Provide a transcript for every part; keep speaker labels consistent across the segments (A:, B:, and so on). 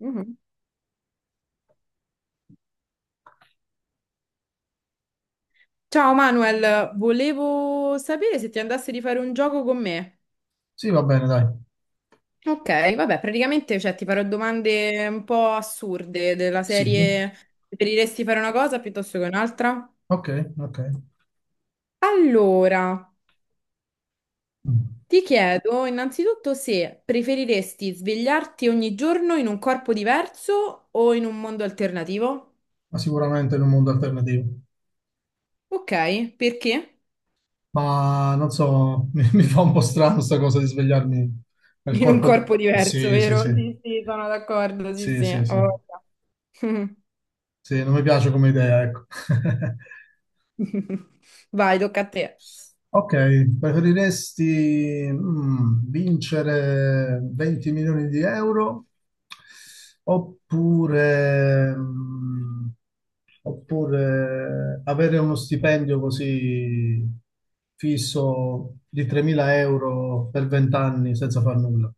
A: Mhm. Ciao Manuel, volevo sapere se ti andasse di fare un gioco con me.
B: Sì, va bene, dai.
A: Ok, vabbè, praticamente cioè, ti farò domande un po' assurde della
B: Sì,
A: serie preferiresti fare una cosa piuttosto che un'altra?
B: ok, ok.
A: Allora,
B: Mm.
A: ti chiedo innanzitutto se preferiresti svegliarti ogni giorno in un corpo diverso o in un mondo alternativo?
B: Ma sicuramente in un mondo alternativo.
A: Ok, perché?
B: Ma non so, mi fa un po' strano sta cosa di svegliarmi nel
A: In un
B: corpo.
A: corpo diverso,
B: Sì, sì,
A: vero?
B: sì.
A: Sì, sì, sono d'accordo, sì,
B: Sì,
A: sì.
B: sì, sì.
A: Ho voglia.
B: Sì, non mi piace come idea, ecco.
A: Vai, tocca a te.
B: Ok, preferiresti vincere 20 milioni di euro oppure, mm, oppure avere uno stipendio così fisso di 3.000 euro per 20 anni senza far nulla?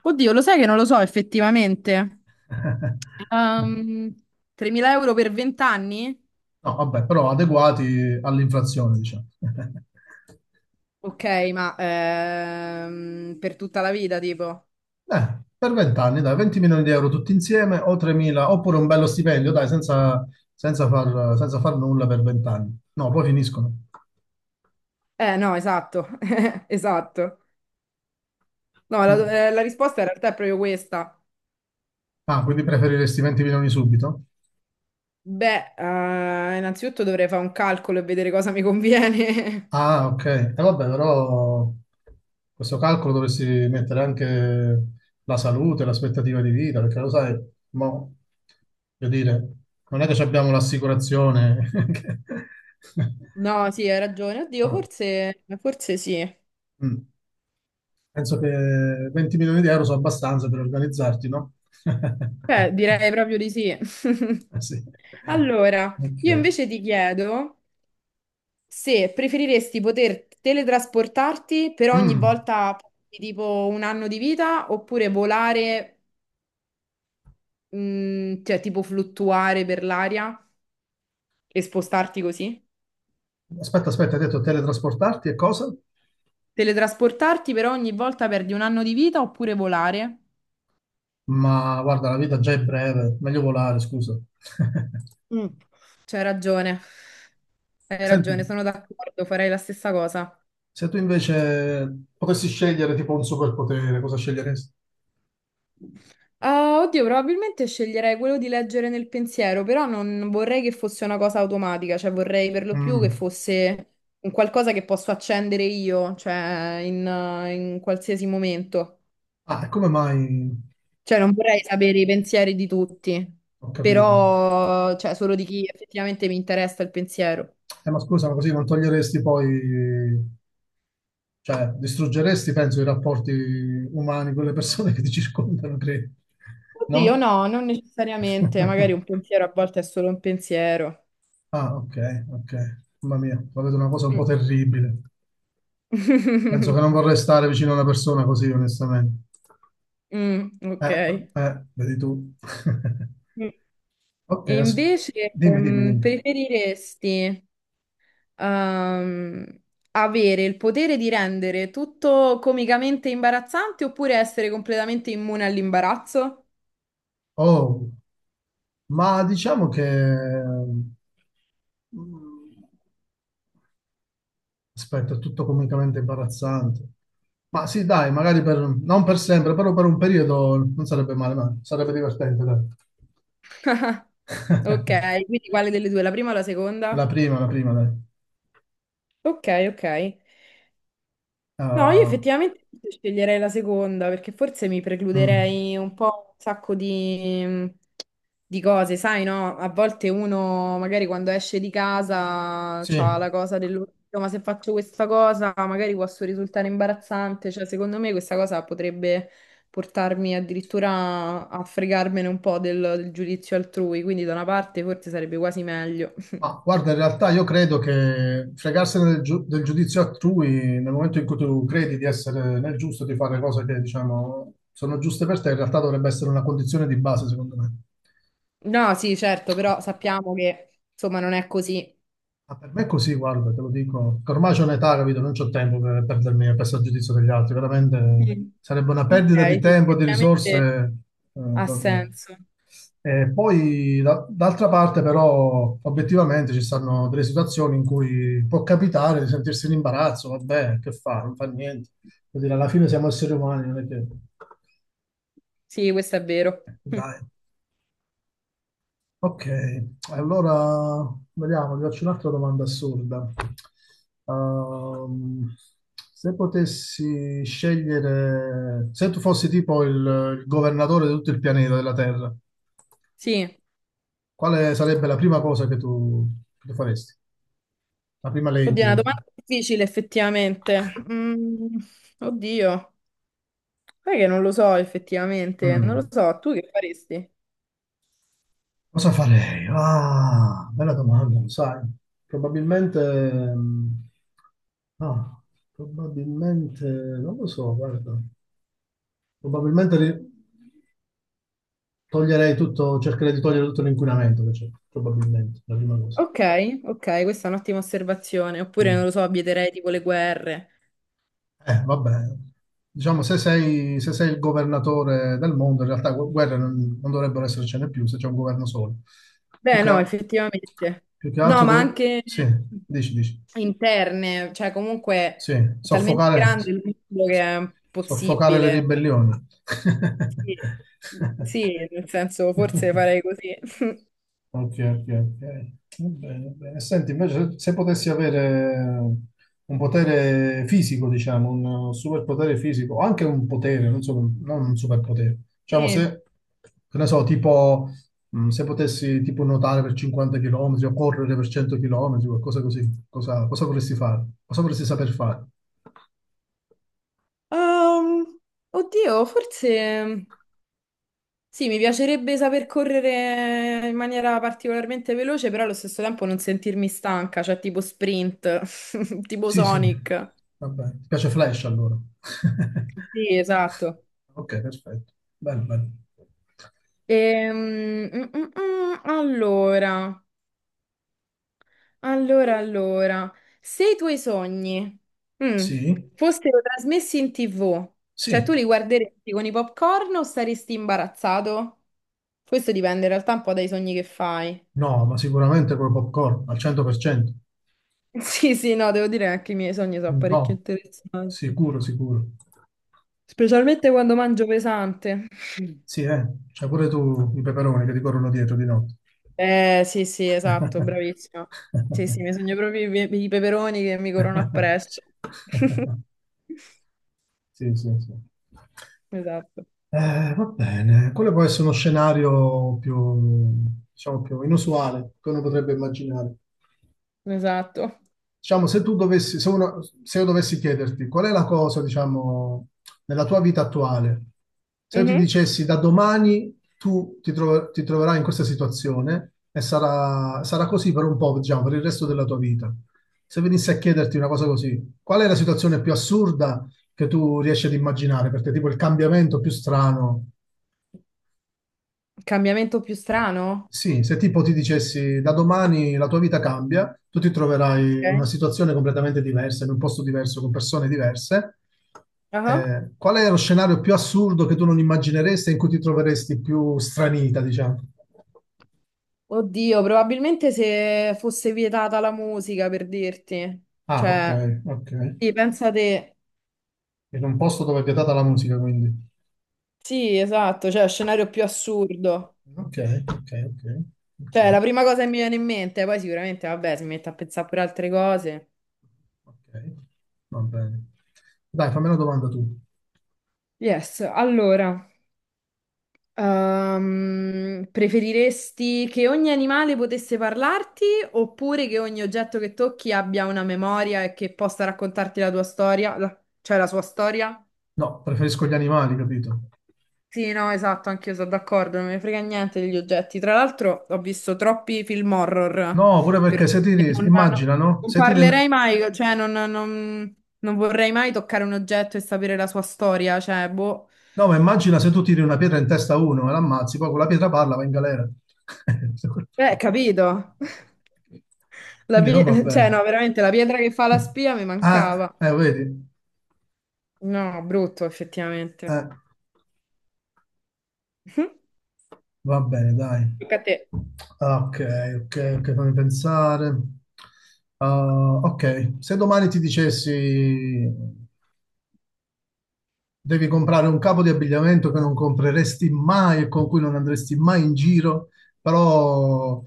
A: Oddio, lo sai che non lo so effettivamente. Ehm, 3.000 euro per 20 anni?
B: No, vabbè, però adeguati all'inflazione, diciamo.
A: Ok, ma per tutta la vita, tipo.
B: Per 20 anni, dai, 20 milioni di euro tutti insieme o 3.000, oppure un bello stipendio, dai, senza far nulla per 20 anni. No, poi finiscono.
A: No, esatto, esatto. No,
B: Mm.
A: la risposta in realtà è proprio questa.
B: Ah, quindi preferiresti 20 milioni subito?
A: Beh, innanzitutto dovrei fare un calcolo e vedere cosa mi conviene.
B: Ah, ok. E vabbè, però questo calcolo dovresti mettere anche la salute, l'aspettativa di vita, perché lo sai, mo, voglio dire, non è che ci abbiamo l'assicurazione.
A: No, sì, hai ragione. Oddio,
B: Ah,
A: forse, forse sì.
B: Mm. Penso che 20 milioni di euro sono abbastanza per organizzarti, no?
A: Beh, direi proprio di sì.
B: Sì.
A: Allora, io
B: Ok.
A: invece ti chiedo... Se preferiresti poter teletrasportarti per ogni
B: Mm.
A: volta di tipo un anno di vita oppure volare, cioè tipo fluttuare per l'aria e spostarti così?
B: Aspetta, aspetta, hai detto teletrasportarti e cosa?
A: Teletrasportarti per ogni volta perdi un anno di vita oppure volare?
B: Ma guarda, la vita già è breve, meglio volare, scusa.
A: Mm. C'hai ragione, hai
B: Senti,
A: ragione, sono d'accordo, farei la stessa cosa.
B: se tu invece potessi scegliere tipo un superpotere, cosa sceglieresti?
A: Ah, oddio, probabilmente sceglierei quello di leggere nel pensiero, però non vorrei che fosse una cosa automatica, cioè vorrei per lo più che
B: Mm.
A: fosse un qualcosa che posso accendere io, cioè in qualsiasi momento.
B: Ah, e come mai?
A: Cioè non vorrei sapere i pensieri di tutti,
B: Ho capito.
A: però cioè, solo di chi effettivamente mi interessa il pensiero.
B: Ma scusa, ma così non toglieresti poi, cioè, distruggeresti, penso, i rapporti umani con le persone che ti circondano, credo.
A: Oddio,
B: No?
A: no, non necessariamente, magari un pensiero a volte è solo un pensiero.
B: Ah, ok, ok. Mamma mia, la vedo una cosa un po'
A: Mm.
B: terribile. Penso che non vorrei stare vicino a una persona così, onestamente.
A: Mm, ok.
B: Eh, vedi tu.
A: Mm.
B: Ok,
A: E invece,
B: dimmi, dimmi, dimmi.
A: preferiresti, ehm, avere il potere di rendere tutto comicamente imbarazzante oppure essere completamente immune all'imbarazzo?
B: Oh, ma diciamo che, mm, aspetta, è tutto comicamente imbarazzante. Ma sì, dai, magari per, non per sempre, però per un periodo non sarebbe male, ma sarebbe divertente, dai.
A: Ok, quindi quale delle due? La prima o la seconda?
B: La prima, dai.
A: Ok, ok. No, io
B: Ah,
A: effettivamente forse sceglierei la seconda perché forse mi
B: mm,
A: precluderei un po' un sacco di cose, sai, no? A volte uno magari quando esce di casa c'ha
B: sì,
A: la cosa dell'orecchio, ma se faccio questa cosa magari posso risultare imbarazzante, cioè secondo me questa cosa potrebbe portarmi addirittura a fregarmene un po' del giudizio altrui, quindi da una parte forse sarebbe quasi meglio.
B: ma guarda, in realtà io credo che fregarsene del giudizio altrui nel momento in cui tu credi di essere nel giusto, di fare cose che, diciamo, sono giuste per te, in realtà dovrebbe essere una condizione di base, secondo me.
A: No, sì, certo, però sappiamo che insomma non è così.
B: Ma per me è così, guarda, te lo dico. Che ormai c'ho un'età, capito? Non c'ho tempo per perdermi a questo giudizio degli altri. Veramente
A: Mm.
B: sarebbe una
A: Ok,
B: perdita di
A: sì,
B: tempo, di
A: effettivamente
B: risorse,
A: ha
B: proprio.
A: senso.
B: E poi, d'altra parte, però, obiettivamente ci stanno delle situazioni in cui può capitare di sentirsi in imbarazzo. Vabbè, che fa? Non fa niente. Vuol dire, alla fine siamo esseri umani, non è che...
A: Sì, questo è vero.
B: Dai. Ok, allora vediamo, ti faccio un'altra domanda assurda. Ehm, Se potessi scegliere, se tu fossi tipo il governatore di tutto il pianeta della Terra,
A: Sì.
B: quale sarebbe la prima cosa che tu faresti? La prima
A: Oddio, è
B: legge?
A: una domanda difficile effettivamente. Oddio, sai che non lo so effettivamente, non lo
B: Mm,
A: so, tu che faresti?
B: Cosa farei? Ah, bella domanda, lo sai. Probabilmente, mm, ah, probabilmente, non lo so, guarda. Probabilmente toglierei tutto, cercherei di togliere tutto l'inquinamento che c'è, probabilmente, la prima cosa.
A: Ok, ok, questa è un'ottima osservazione, oppure
B: Mm.
A: non lo so, vieterei tipo le guerre.
B: Vabbè, diciamo, se sei il governatore del mondo, in realtà guerre non dovrebbero essercene più se c'è un governo solo. Più
A: Beh,
B: che,
A: no,
B: a-
A: effettivamente.
B: Più che
A: No,
B: altro,
A: ma anche
B: sì, dici, dici,
A: interne, cioè comunque
B: sì,
A: è talmente
B: soffocare,
A: grande il mondo che è
B: soffocare le
A: possibile. Cioè,
B: ribellioni.
A: sì, sì, nel senso forse farei così.
B: Ok, ok, ok. Va bene, va bene. Senti, invece, se se potessi avere un potere fisico, diciamo, un superpotere fisico, o anche un potere, non so, non un superpotere, diciamo,
A: Sì.
B: se, che ne so, tipo, se potessi tipo nuotare per 50 km o correre per 100 km, qualcosa così, cosa vorresti fare? Cosa vorresti saper fare?
A: Ehm, oddio, forse sì, mi piacerebbe saper correre in maniera particolarmente veloce, però allo stesso tempo non sentirmi stanca, cioè tipo sprint, tipo
B: Sì, sì,
A: Sonic.
B: va bene. Ti piace Flash allora?
A: Sì, esatto.
B: Ok, perfetto. Bello, bello.
A: Ehm, mm, mm, mm, allora, allora, se i tuoi sogni mm,
B: Sì,
A: fossero trasmessi in TV, cioè tu
B: sì.
A: li guarderesti con i popcorn o saresti imbarazzato? Questo dipende in realtà un po' dai sogni che fai.
B: No, ma sicuramente con popcorn, al 100%.
A: Sì, sì, no, devo dire che anche i miei sogni sono
B: No,
A: parecchio interessanti.
B: sicuro, sicuro.
A: Specialmente quando mangio pesante.
B: Sì, c'hai pure tu i peperoni che ti corrono dietro di notte.
A: Sì, sì, esatto, bravissima. Sì, sì, mi sogno proprio i peperoni che mi corrono appresso.
B: Sì, sì, sì.
A: Esatto,
B: Va bene, quello può essere uno scenario più, diciamo, più inusuale che uno potrebbe immaginare.
A: esatto.
B: Diciamo, se tu dovessi, se, uno- se io dovessi chiederti qual è la cosa, diciamo, nella tua vita attuale, se io ti
A: Mhm.
B: dicessi da domani tu ti troverai in questa situazione e sarà così per un po', diciamo, per il resto della tua vita. Se venissi a chiederti una cosa così, qual è la situazione più assurda che tu riesci ad immaginare per te, tipo il cambiamento più strano?
A: Cambiamento più strano?
B: Sì, se tipo ti dicessi da domani la tua vita cambia, tu ti troverai in una
A: Ok.
B: situazione completamente diversa, in un posto diverso, con persone diverse.
A: Ah.
B: Qual è lo scenario più assurdo che tu non immagineresti e in cui ti troveresti più stranita, diciamo?
A: Oddio, probabilmente se fosse vietata la musica, per dirti.
B: Ah, ok,
A: Cioè,
B: ok.
A: sì, pensa te.
B: In un posto dove è vietata la musica, quindi.
A: Sì, esatto, cioè, scenario più assurdo.
B: Ok, ok, ok,
A: Cioè, è
B: ok,
A: la prima cosa che mi viene in mente, poi sicuramente, vabbè, si mette a pensare pure altre cose.
B: ok. Va bene. Dai, fammi una domanda tu.
A: Yes, allora, preferiresti che ogni animale potesse parlarti oppure che ogni oggetto che tocchi abbia una memoria e che possa raccontarti la tua storia, cioè la sua storia?
B: No, preferisco gli animali, capito?
A: Sì, no, esatto, anch'io sono d'accordo, non mi frega niente degli oggetti. Tra l'altro ho visto troppi film horror,
B: No, pure perché
A: per
B: se
A: cui
B: ti ri-
A: non, no-
B: immagina, no?
A: non
B: Se ti ri-
A: parlerei mai, cioè non vorrei mai toccare un oggetto e sapere la sua storia, cioè, boh.
B: No, ma immagina se tu tiri una pietra in testa a uno e l'ammazzi, poi con la pietra parla, va in galera.
A: Capito. La
B: Quindi non va
A: pi- cioè,
B: bene.
A: no, veramente, la pietra che fa la spia mi
B: Ah,
A: mancava.
B: vedi?
A: No, brutto, effettivamente.
B: Eh, va bene, dai.
A: Tocca a te.
B: Ah, ok, ok, ok, fammi pensare. Ah, ok, se domani ti dicessi: devi comprare un capo di abbigliamento che non compreresti mai e con cui non andresti mai in giro, però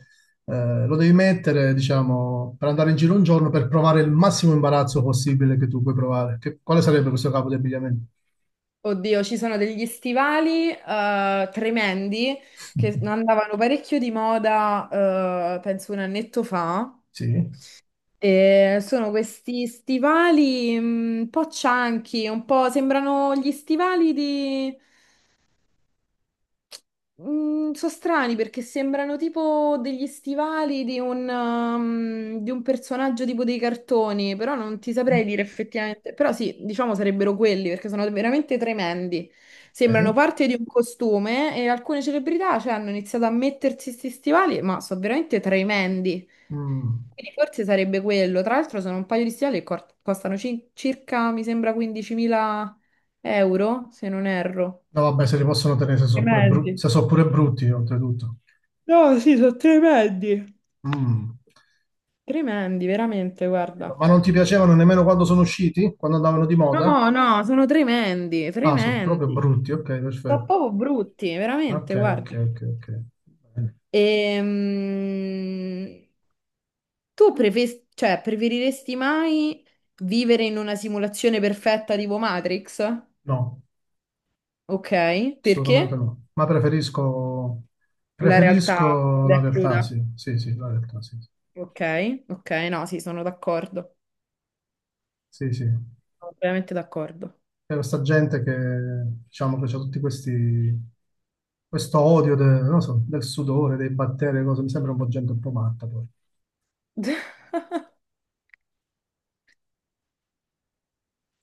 B: lo devi mettere, diciamo, per andare in giro un giorno per provare il massimo imbarazzo possibile che tu puoi provare. Quale sarebbe questo capo di abbigliamento?
A: Oddio, ci sono degli stivali tremendi che andavano parecchio di moda, penso un annetto fa.
B: Sì,
A: E sono questi stivali un po' cianchi, un po' sembrano gli stivali di, mm, sono strani perché sembrano tipo degli stivali di un personaggio tipo dei cartoni, però non ti saprei dire effettivamente. Però sì, diciamo sarebbero quelli perché sono veramente tremendi. Sembrano
B: ok.
A: parte di un costume e alcune celebrità, cioè, hanno iniziato a mettersi questi stivali, ma sono veramente tremendi.
B: Mm.
A: Quindi forse sarebbe quello. Tra l'altro sono un paio di stivali che costano circa, mi sembra, 15.000 euro, se non erro.
B: No, vabbè, se li possono tenere se sono pure, bru-
A: Tremendi.
B: se sono pure brutti, oltretutto.
A: No, sì, sono tremendi.
B: Mm.
A: Tremendi, veramente, guarda.
B: Ma non ti piacevano nemmeno quando sono usciti? Quando andavano di moda?
A: No, no, sono tremendi,
B: Ah, sono proprio
A: tremendi.
B: brutti, ok,
A: Sono
B: perfetto.
A: proprio brutti,
B: Ok,
A: veramente, guarda.
B: ok, ok, ok. Bene.
A: Ehm, tu cioè, preferiresti mai vivere in una simulazione perfetta tipo Matrix?
B: No,
A: Ok,
B: assolutamente
A: perché?
B: no. Ma preferisco,
A: La realtà
B: preferisco
A: nuda
B: la
A: e
B: realtà,
A: cruda.
B: sì. Sì, sì, la realtà, sì.
A: Ok, ok, no, sì, sono d'accordo.
B: Sì, sì.
A: Sono veramente d'accordo.
B: C'è questa gente che, diciamo, che c'ha tutti questo odio non so, del sudore, dei batteri, cose. Mi sembra un po' gente un po' matta poi.